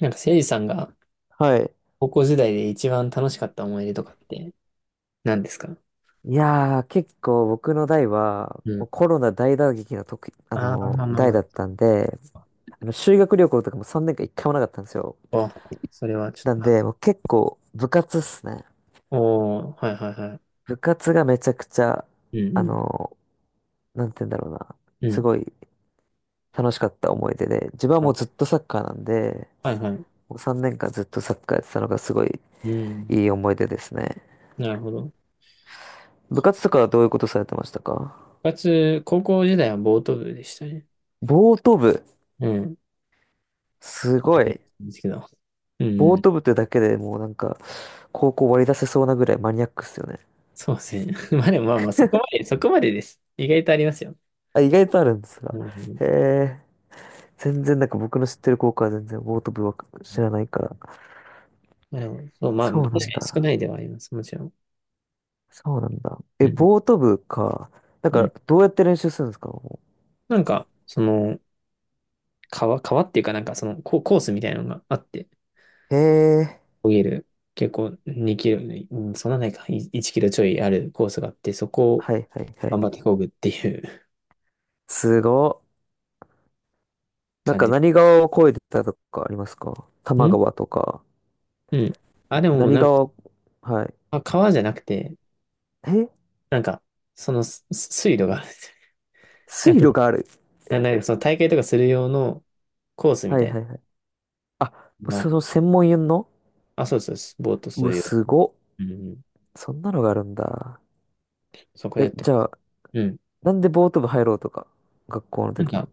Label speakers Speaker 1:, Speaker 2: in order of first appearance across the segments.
Speaker 1: なんか、せいじさんが
Speaker 2: はい。
Speaker 1: 高校時代で一番楽しかった思い出とかって何ですか？
Speaker 2: いやー、結構僕の代は、
Speaker 1: うん。
Speaker 2: もうコロナ大打撃の時、
Speaker 1: ああ、まあまあま
Speaker 2: 代だっ
Speaker 1: あ。
Speaker 2: たんで、あの修学旅行とかも3年間一回もなかったんですよ。
Speaker 1: あ、それはちょっ
Speaker 2: な
Speaker 1: と、
Speaker 2: ん
Speaker 1: は
Speaker 2: で、もう結構部活っすね。
Speaker 1: おー、はいはいは
Speaker 2: 部活がめちゃくちゃ、
Speaker 1: い。う
Speaker 2: あ
Speaker 1: ん、
Speaker 2: のなんて言うんだろうな。
Speaker 1: うん、う
Speaker 2: す
Speaker 1: ん。
Speaker 2: ごい楽しかった思い出で、自分は
Speaker 1: あ、
Speaker 2: もうずっとサッカーなんで、
Speaker 1: はいはい。
Speaker 2: もう3年間ずっとサッカーやってたのがすごい
Speaker 1: う
Speaker 2: い
Speaker 1: ん。
Speaker 2: い思い出ですね。
Speaker 1: なるほど。
Speaker 2: 部活とかはどういうことされてましたか？
Speaker 1: 部活、高校時代はボート部でしたね。
Speaker 2: ボート部。
Speaker 1: うん。
Speaker 2: すごい。
Speaker 1: ですけど。う
Speaker 2: ボー
Speaker 1: ん。
Speaker 2: ト部ってだけでもうなんか、高校割り出せそうなぐらいマニアックっすよね。
Speaker 1: そうですね。まあでもまあまあ、そこまでです。意外とありますよ。
Speaker 2: あ、意外とあるんです
Speaker 1: う
Speaker 2: が。
Speaker 1: ん。
Speaker 2: へえ、全然なんか僕の知ってる高校は全然ボート部は知らないから。
Speaker 1: まあでも、そう、まあ、確
Speaker 2: そう
Speaker 1: か
Speaker 2: な
Speaker 1: に
Speaker 2: ん
Speaker 1: 少な
Speaker 2: だ。
Speaker 1: いではあります。もちろん。
Speaker 2: そうなんだ。
Speaker 1: う
Speaker 2: え、
Speaker 1: ん。
Speaker 2: ボート部か。なん
Speaker 1: う
Speaker 2: か、
Speaker 1: ん。
Speaker 2: どうやって練習するんですか？も
Speaker 1: なんか、その、川っていうかなんかそのココースみたいなのがあって、
Speaker 2: うへえ、
Speaker 1: 見える、結構2キロ、うん、そんなないか、い1キロちょいあるコースがあって、そこを
Speaker 2: はいはいはい。
Speaker 1: 頑張ってこぐっていう
Speaker 2: すごっ。なん
Speaker 1: 感
Speaker 2: か
Speaker 1: じ。
Speaker 2: 何川を越えてたとかありますか？多摩川
Speaker 1: ん
Speaker 2: とか。
Speaker 1: うん。あ、でも
Speaker 2: 何
Speaker 1: なんか、
Speaker 2: 川、はい。
Speaker 1: あ川じゃなくて、
Speaker 2: え、
Speaker 1: なんか、そのす水路があるんですよ。なん
Speaker 2: 水
Speaker 1: か、
Speaker 2: 路がある。
Speaker 1: ななんかその大会とかする用のコースみ
Speaker 2: はい
Speaker 1: たい
Speaker 2: はいはい。あ、
Speaker 1: なの
Speaker 2: そ
Speaker 1: が。
Speaker 2: の専門用の。
Speaker 1: あ、そうそうです、ボートす
Speaker 2: うわ、
Speaker 1: るよ。
Speaker 2: すごっ。
Speaker 1: うん。
Speaker 2: そんなのがあるんだ。
Speaker 1: そこでや
Speaker 2: え、
Speaker 1: ってま
Speaker 2: じゃ
Speaker 1: す。
Speaker 2: あ、
Speaker 1: うん。
Speaker 2: なんでボート部入ろうとか、学校の
Speaker 1: なん
Speaker 2: 時に。
Speaker 1: か、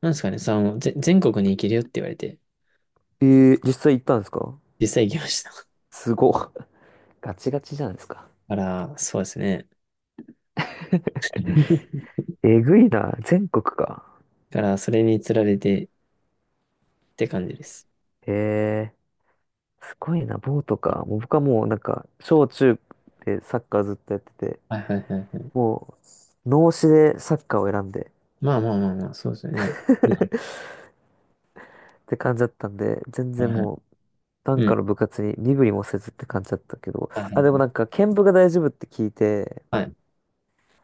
Speaker 1: なんですかね、その、ぜ、全国に行けるよって言われて、
Speaker 2: え実際行ったんですか？
Speaker 1: 実際行きました。
Speaker 2: すごっ。ガチガチじゃないですか。
Speaker 1: から、そうですね。
Speaker 2: えぐいな。全国か。
Speaker 1: から、それにつられてって感じです。
Speaker 2: へえ、すごいな。ボートか。もう僕はもうなんか、小中でサッカーずっとやってて、
Speaker 1: はいはいはいはい。
Speaker 2: もう、脳死でサッカーを選んで
Speaker 1: まあまあまあまあ、そうですよね。うん
Speaker 2: って感じだったんで、全
Speaker 1: はい
Speaker 2: 然
Speaker 1: はい。
Speaker 2: もう、なん
Speaker 1: う
Speaker 2: か
Speaker 1: ん。
Speaker 2: の部活に身振りもせずって感じだったけど、
Speaker 1: はいは
Speaker 2: あ、でも
Speaker 1: い
Speaker 2: なんか、剣舞が大丈夫って聞いて、
Speaker 1: はいはい。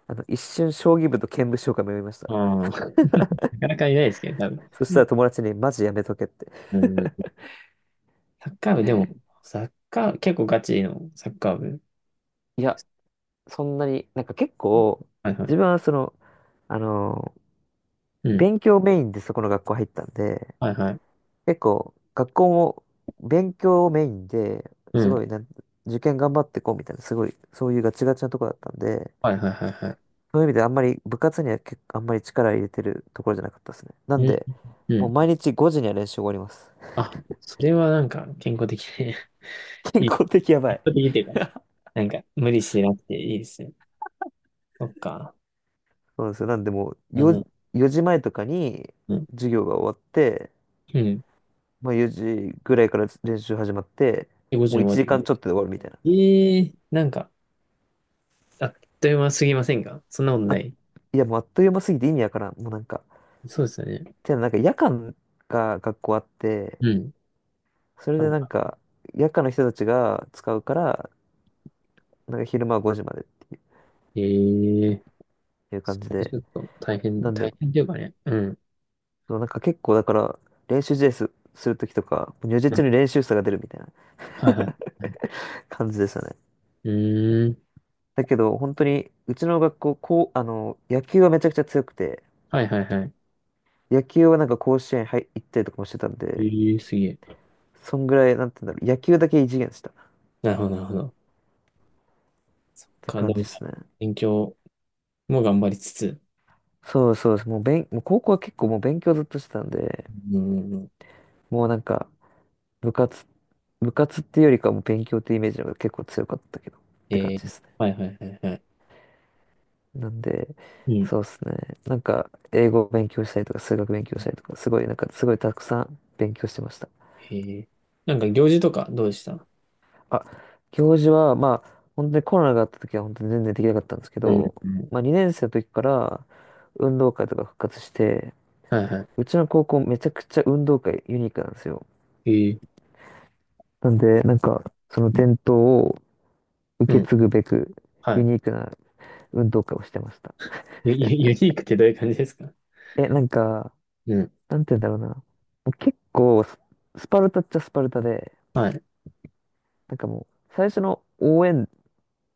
Speaker 2: あの、一瞬将棋部と剣舞将が迷いました。
Speaker 1: ああ、なかなかいないですけど、多分。
Speaker 2: そしたら友達にマジやめとけって。
Speaker 1: うん。うんサッカー部、でも、サッカー、結構ガチのサッカー部。
Speaker 2: いや、そんなに、なんか結構、
Speaker 1: はいは
Speaker 2: 自分
Speaker 1: い。
Speaker 2: はその、あの、
Speaker 1: うん。
Speaker 2: 勉強メインでそこの学校入ったんで、
Speaker 1: はいはい。
Speaker 2: 結構、学校も勉強メインで、
Speaker 1: う
Speaker 2: すご
Speaker 1: ん。
Speaker 2: いなん、受験頑張ってこうみたいな、すごい、そういうガチガチなとこだったんで、
Speaker 1: はいはいはいはい。
Speaker 2: そういう意味であんまり部活には結構あんまり力入れてるところじゃなかったですね。なん
Speaker 1: うん。
Speaker 2: で、
Speaker 1: う
Speaker 2: もう
Speaker 1: ん。
Speaker 2: 毎日5時には練習終わります。
Speaker 1: あ、それはなんか健康的で、
Speaker 2: 健
Speaker 1: いい。
Speaker 2: 康的やば
Speaker 1: 健
Speaker 2: い。
Speaker 1: 康的っていうか、なんか無理してなくていいですね。そっか。
Speaker 2: そうなんですよ。なんでもう
Speaker 1: う
Speaker 2: 4
Speaker 1: ん。
Speaker 2: 時前とかに
Speaker 1: うん。
Speaker 2: 授業が終わって、
Speaker 1: うん。
Speaker 2: まあ4時ぐらいから練習始まって、
Speaker 1: で、ご時
Speaker 2: もう
Speaker 1: の
Speaker 2: 1
Speaker 1: 終わっ
Speaker 2: 時
Speaker 1: た。
Speaker 2: 間ちょっとで終わるみたいな。
Speaker 1: ええーなんか、あっという間すぎませんか？そんなことな
Speaker 2: あ、
Speaker 1: い。
Speaker 2: いやもうあっという間すぎて意味わからん。もうなんか、
Speaker 1: そうですよね。
Speaker 2: てかなんか夜間が学校あって、
Speaker 1: うん。
Speaker 2: それでなんか夜間の人たちが使うから、なんか昼間は5時までって
Speaker 1: ええー、
Speaker 2: いう感
Speaker 1: そ
Speaker 2: じ
Speaker 1: れち
Speaker 2: で。
Speaker 1: ょっと大変、
Speaker 2: なんで、
Speaker 1: 大変というかね。うん。
Speaker 2: そうなんか結構だから練習試合するときとか、もう如
Speaker 1: う
Speaker 2: 実に
Speaker 1: ん
Speaker 2: 練習差が出るみたいな
Speaker 1: はいはい。
Speaker 2: 感じでしたね。
Speaker 1: うーん。
Speaker 2: だけど、本当に、うちの学校、こう、あの、野球はめちゃくちゃ強くて、
Speaker 1: はいはいはい。
Speaker 2: 野球はなんか甲子園入行ったりとかもしてたん
Speaker 1: え
Speaker 2: で、
Speaker 1: えー、すげえ。
Speaker 2: そんぐらい、なんて言うんだろう、野球だけ異次元でしたっ
Speaker 1: なるほど。
Speaker 2: て
Speaker 1: か、
Speaker 2: 感
Speaker 1: で
Speaker 2: じで
Speaker 1: も、
Speaker 2: すね。
Speaker 1: 勉強も頑張りつつ。
Speaker 2: そうそうです。もう、もう高校は結構もう勉強ずっとしてたんで、
Speaker 1: うん。うんうん
Speaker 2: もうなんか、部活、部活っていうよりかはもう勉強っていうイメージの方が結構強かったけど、っ
Speaker 1: え
Speaker 2: て感じで
Speaker 1: ー、
Speaker 2: すね。
Speaker 1: はいはいはいはい。
Speaker 2: なんで、
Speaker 1: うん。
Speaker 2: そうですね。なんか、英語を勉強したりとか、数学勉強したりとか、すごい、なんか、すごいたくさん勉強してました。
Speaker 1: えー、なんか行事とかどうでした？
Speaker 2: あ、行事は、まあ、本当にコロナがあった時は本当に全然できなかったんですけ
Speaker 1: うん。
Speaker 2: ど、
Speaker 1: うん
Speaker 2: まあ2年生の時から運動会とか復活して、
Speaker 1: はいは
Speaker 2: うちの高校めちゃくちゃ運動会ユニークなんですよ。
Speaker 1: い。ええ
Speaker 2: なんで、なんか、その
Speaker 1: ー、
Speaker 2: 伝統を
Speaker 1: う
Speaker 2: 受け
Speaker 1: ん。
Speaker 2: 継ぐべく、
Speaker 1: は
Speaker 2: ユ
Speaker 1: い。
Speaker 2: ニークな運動会をしてました。
Speaker 1: ユニークってどういう感じですか？
Speaker 2: え、なんか、
Speaker 1: うん。
Speaker 2: なんて言うんだろうな。結構スパルタっちゃスパルタで、
Speaker 1: はい。
Speaker 2: なんかもう、最初の応援、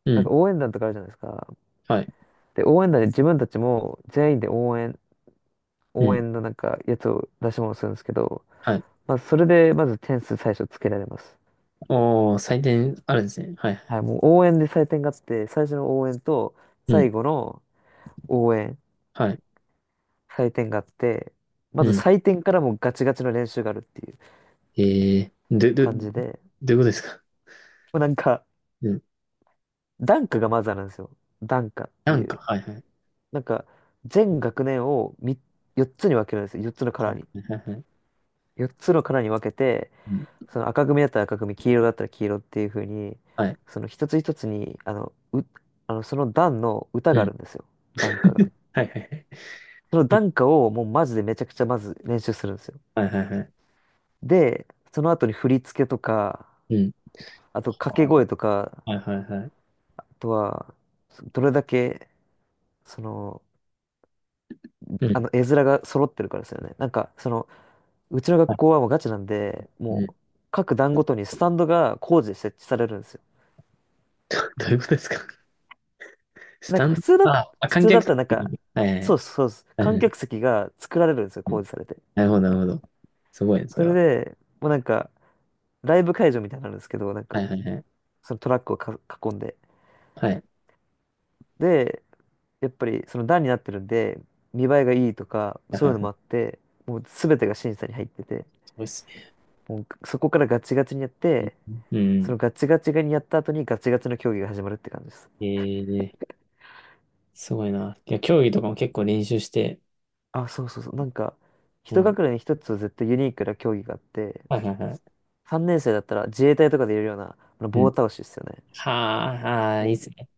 Speaker 1: う
Speaker 2: なん
Speaker 1: ん。
Speaker 2: か応援団とかあるじゃないですか。
Speaker 1: はい。
Speaker 2: で、応援団で自分たちも全員で
Speaker 1: う
Speaker 2: 応
Speaker 1: ん。
Speaker 2: 援のなんかやつを出し物するんですけど、
Speaker 1: はい。
Speaker 2: まあ、それでまず点数最初つけられます。
Speaker 1: おー、採点あるんですね。はい。
Speaker 2: はい、もう応援で採点があって、最初の応援と
Speaker 1: うん。
Speaker 2: 最後の応援、
Speaker 1: はい。
Speaker 2: 採点があって、まず
Speaker 1: うん。
Speaker 2: 採点からもうガチガチの練習があるっていう
Speaker 1: えー、ど
Speaker 2: 感じで、
Speaker 1: ういうことですか？
Speaker 2: もうなんか、
Speaker 1: うん。
Speaker 2: ダンカがまずあるんですよ。ダンカって
Speaker 1: な
Speaker 2: い
Speaker 1: んか、
Speaker 2: う。
Speaker 1: はいはい。
Speaker 2: なんか、
Speaker 1: う
Speaker 2: 全
Speaker 1: ん
Speaker 2: 学年を4つに分けるんですよ。4つのカ
Speaker 1: は
Speaker 2: ラーに。
Speaker 1: い、はい、はい。はい
Speaker 2: 4つのカラーに分けて、
Speaker 1: うん
Speaker 2: その赤組だったら赤組、黄色だったら黄色っていう風に、
Speaker 1: はい。
Speaker 2: その一つ一つに、あの、う、あの、その段の歌
Speaker 1: う
Speaker 2: があ
Speaker 1: ん。
Speaker 2: るんですよ。段歌が。
Speaker 1: はい、はい、
Speaker 2: その
Speaker 1: はい。
Speaker 2: 段歌をもうマジでめちゃくちゃまず練習するんですよ。
Speaker 1: はい、はい、はい。
Speaker 2: で、その後に振り付けとか、
Speaker 1: うん。
Speaker 2: あと掛け声とか、
Speaker 1: はい、はい、はい。
Speaker 2: あとは、どれだけ、その、
Speaker 1: うん。
Speaker 2: あの、絵面が揃ってるからですよね。なんか、その、うちの
Speaker 1: は
Speaker 2: 学
Speaker 1: い。
Speaker 2: 校はもうガチなんで、
Speaker 1: う
Speaker 2: も
Speaker 1: ん。
Speaker 2: う、各段ごとにスタンドが工事で設置されるんですよ。
Speaker 1: どういうことですか？ス
Speaker 2: なん
Speaker 1: タ
Speaker 2: か
Speaker 1: ンド、
Speaker 2: 普
Speaker 1: 観
Speaker 2: 通だ
Speaker 1: 客
Speaker 2: ったらなんか、
Speaker 1: 席？はい、
Speaker 2: そうですそうです。
Speaker 1: はい、はい。はい
Speaker 2: 観
Speaker 1: はい
Speaker 2: 客席が作られるんですよ、
Speaker 1: うん
Speaker 2: 工事されて。
Speaker 1: なるほど。すごいです
Speaker 2: それ
Speaker 1: よ。
Speaker 2: で、もうなんか、ライブ会場みたいになるんですけど、なん
Speaker 1: は
Speaker 2: か、
Speaker 1: い、はい、はい。
Speaker 2: そのトラックを囲んで。
Speaker 1: はい。
Speaker 2: で、やっぱりその段になってるんで、見栄えがいいとか、
Speaker 1: はい
Speaker 2: そ
Speaker 1: は
Speaker 2: う
Speaker 1: い
Speaker 2: いうの
Speaker 1: は
Speaker 2: も
Speaker 1: い
Speaker 2: あって、もう全てが審査に入ってて、
Speaker 1: そうです
Speaker 2: もうそこからガチガチにやっ
Speaker 1: ね。
Speaker 2: て、
Speaker 1: う
Speaker 2: そ
Speaker 1: ん。
Speaker 2: のガチガチにやった後にガチガチの競技が始まるって感じです。
Speaker 1: えー、すごいな。いや、競技とかも結構練習して、
Speaker 2: あ、そうそうそう。なんか、
Speaker 1: う
Speaker 2: 一
Speaker 1: ん。
Speaker 2: 学年に一つ絶対ユニークな競技があって、
Speaker 1: はいはいは
Speaker 2: 3年生だったら自衛隊とかでいるような、あの
Speaker 1: い。う
Speaker 2: 棒
Speaker 1: ん。
Speaker 2: 倒しですよね。
Speaker 1: はあ、あーいい
Speaker 2: も
Speaker 1: っすね。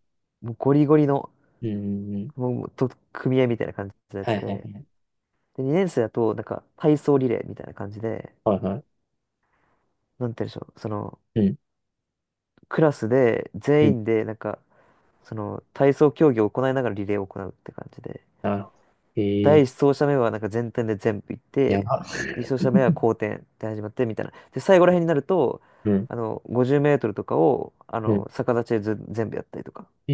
Speaker 2: う、もうゴリゴリの、
Speaker 1: うん。うん
Speaker 2: もう、組合みたいな感じのや
Speaker 1: はい
Speaker 2: つ
Speaker 1: はいは
Speaker 2: で。
Speaker 1: い。
Speaker 2: で、2年生だと、なんか、体操リレーみたいな感じで、
Speaker 1: はいはい。
Speaker 2: なんて言うんでしょう、その、
Speaker 1: うん。
Speaker 2: クラスで、
Speaker 1: う
Speaker 2: 全
Speaker 1: ん。
Speaker 2: 員で、なんか、その、体操競技を行いながらリレーを行うって感じで。
Speaker 1: なるほど。え
Speaker 2: 第一
Speaker 1: ー、
Speaker 2: 走者目は、なんか全体で全部行っ
Speaker 1: や
Speaker 2: て、
Speaker 1: ば。
Speaker 2: 2走者目は後転で始まって、みたいな。で、最後ら辺になると、
Speaker 1: うん。
Speaker 2: あの、50メートルとかを、あ
Speaker 1: うん。
Speaker 2: の、逆立ちでず全部やったりとか
Speaker 1: え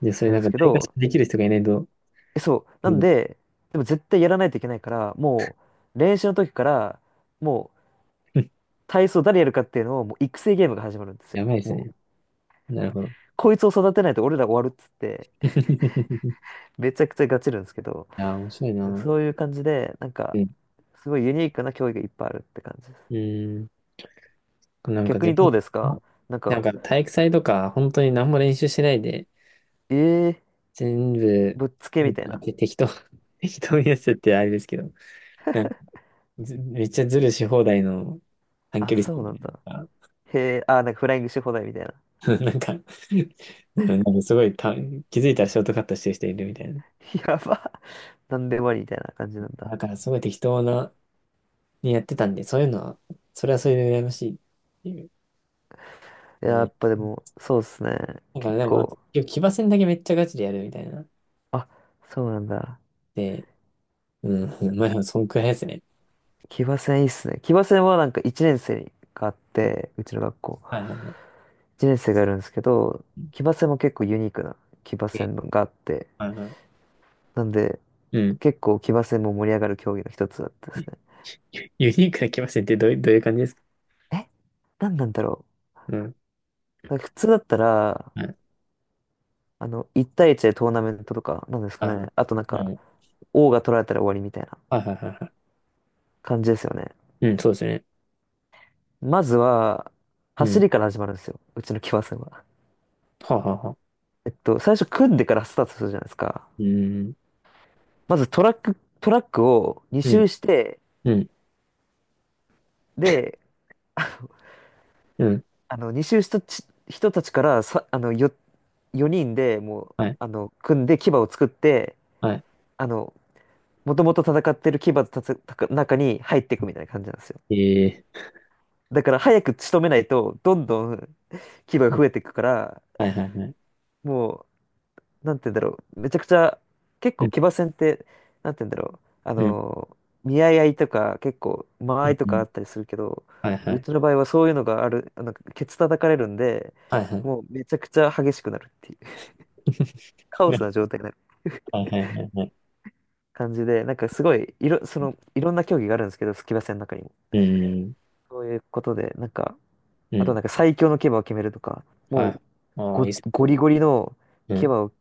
Speaker 1: ー、で、そ
Speaker 2: す
Speaker 1: れ
Speaker 2: るん
Speaker 1: なん
Speaker 2: です
Speaker 1: か
Speaker 2: け
Speaker 1: 体感
Speaker 2: ど、
Speaker 1: できる人がいないと、
Speaker 2: そう。
Speaker 1: う
Speaker 2: なん
Speaker 1: ん。
Speaker 2: で、でも絶対やらないといけないから、もう練習の時から、もう 体操誰やるかっていうのを、もう育成ゲームが始まるんです
Speaker 1: や
Speaker 2: よ。
Speaker 1: ばいです
Speaker 2: も
Speaker 1: ね。
Speaker 2: う、
Speaker 1: なるほど。
Speaker 2: こいつを育てないと俺ら終わるっつって、めちゃくちゃガチるんですけど、
Speaker 1: いやー、面白いな。
Speaker 2: そういう感じで、なんか、
Speaker 1: うん。
Speaker 2: すごいユニークな競技がいっぱいあるって感じです。
Speaker 1: うん。なんか
Speaker 2: 逆
Speaker 1: 全
Speaker 2: にど
Speaker 1: 然、
Speaker 2: うですか？なんか、
Speaker 1: なんか体育祭とか、本当に何も練習しないで、
Speaker 2: えー、
Speaker 1: 全部、
Speaker 2: ぶっつけみたい
Speaker 1: なん
Speaker 2: な。
Speaker 1: か適当、適当にやっててあれですけど。ずめっちゃズルし放題の短
Speaker 2: あ、
Speaker 1: 距離走
Speaker 2: そう
Speaker 1: みた
Speaker 2: なんだ。
Speaker 1: いな。
Speaker 2: へえ、あ、なんかフライングし放題みたいな。
Speaker 1: なんか、うんなんかすごいた、気づいたらショートカットしてる人いるみたいな。
Speaker 2: やば。なんでもありみたいな感じなんだ。
Speaker 1: だからすごい適当な、にやってたんで、そういうのは、それはそれで羨ましいっていう。
Speaker 2: いや、や
Speaker 1: ね。
Speaker 2: っぱでも、そうっすね。
Speaker 1: なんか
Speaker 2: 結
Speaker 1: でもなんか、
Speaker 2: 構、
Speaker 1: 結局騎馬戦だけめっちゃガチでやるみたいな。
Speaker 2: あ、そうなんだ。
Speaker 1: で、うん、まあ、そんくらいですね。
Speaker 2: 騎馬戦いいっすね。騎馬戦はなんか1年生があって、うちの学校。
Speaker 1: はいはい。
Speaker 2: 1年生がいるんですけど、騎馬戦も結構ユニークな騎馬
Speaker 1: え
Speaker 2: 戦があって、
Speaker 1: はいは
Speaker 2: なんで
Speaker 1: いうん。
Speaker 2: 結構騎馬戦も盛り上がる競技の一つだったで
Speaker 1: ユ
Speaker 2: すね。
Speaker 1: ユニークな騎馬戦ってどういう、どういう感じですか？
Speaker 2: え何なんだろ
Speaker 1: うん。
Speaker 2: う。なんか普通だったら、
Speaker 1: はい
Speaker 2: あの、1対1でトーナメントとか、なんですか
Speaker 1: はい
Speaker 2: ね。
Speaker 1: はい。
Speaker 2: あとなんか、王が取られたら終わりみたいな
Speaker 1: はいはいはいは
Speaker 2: 感じですよね。
Speaker 1: い。うん、そうですね。
Speaker 2: まずは、
Speaker 1: う
Speaker 2: 走
Speaker 1: ん。
Speaker 2: りから始まるんですよ。うちの騎馬戦は。
Speaker 1: はあはあはあ
Speaker 2: 最初組んでからスタートするじゃないですか。
Speaker 1: うーん、
Speaker 2: まずトラックを2
Speaker 1: うん、
Speaker 2: 周して、
Speaker 1: うん、
Speaker 2: で、
Speaker 1: うん、
Speaker 2: あの、2周した人たちからさ、あの、4人でもう、
Speaker 1: はい、
Speaker 2: あの、組んで牙を作って、
Speaker 1: は
Speaker 2: あの、もともと戦ってる牙のたつた中に入っていくみたいな感じなんですよ。
Speaker 1: い、え
Speaker 2: だから早く仕留めないと、どんどん牙が
Speaker 1: ー
Speaker 2: 増えていくから、
Speaker 1: はいはいはい、
Speaker 2: もなんて言うんだろう、めちゃくちゃ、結
Speaker 1: う
Speaker 2: 構
Speaker 1: ん、
Speaker 2: 騎馬戦って、なんて言うんだろう、あ
Speaker 1: うん、
Speaker 2: の見合い合いとか、結構、間
Speaker 1: う
Speaker 2: 合いとかあ
Speaker 1: ん、
Speaker 2: ったりするけど、
Speaker 1: はいは
Speaker 2: う
Speaker 1: い、
Speaker 2: ちの場合はそういうのがある、あの、ケツ叩かれるんで、
Speaker 1: はいは
Speaker 2: もうめちゃくちゃ激しくなるっていう、カ
Speaker 1: い、
Speaker 2: オス
Speaker 1: ね
Speaker 2: な状態になる
Speaker 1: はいはいはいはい、
Speaker 2: 感じで、なんかすごい、その、いろんな競技があるんですけど、騎馬戦の中にも。
Speaker 1: うん、
Speaker 2: そういうことで、なんか、
Speaker 1: う
Speaker 2: あと
Speaker 1: ん、
Speaker 2: なんか最強の騎馬を決めるとか、
Speaker 1: は
Speaker 2: も
Speaker 1: い、
Speaker 2: う、
Speaker 1: ああ、いいっす、
Speaker 2: ゴリゴリの
Speaker 1: う
Speaker 2: 騎
Speaker 1: ん、
Speaker 2: 馬を、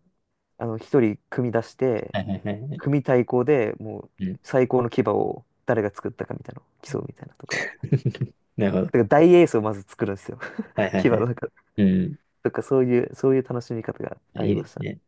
Speaker 2: あの、一人組み出して、
Speaker 1: はいはいはいはい、
Speaker 2: 組対抗でもう
Speaker 1: うん、
Speaker 2: 最高の牙を誰が作ったかみたいなのを競うみたいなとか、
Speaker 1: なるほど、
Speaker 2: だから大エースをまず作るんですよ。
Speaker 1: はいはい
Speaker 2: 牙
Speaker 1: は
Speaker 2: の
Speaker 1: い、
Speaker 2: 中、
Speaker 1: うん、
Speaker 2: とかそういう、そういう楽しみ方があ
Speaker 1: い
Speaker 2: り
Speaker 1: いで
Speaker 2: ま
Speaker 1: す
Speaker 2: した
Speaker 1: ね。
Speaker 2: ね。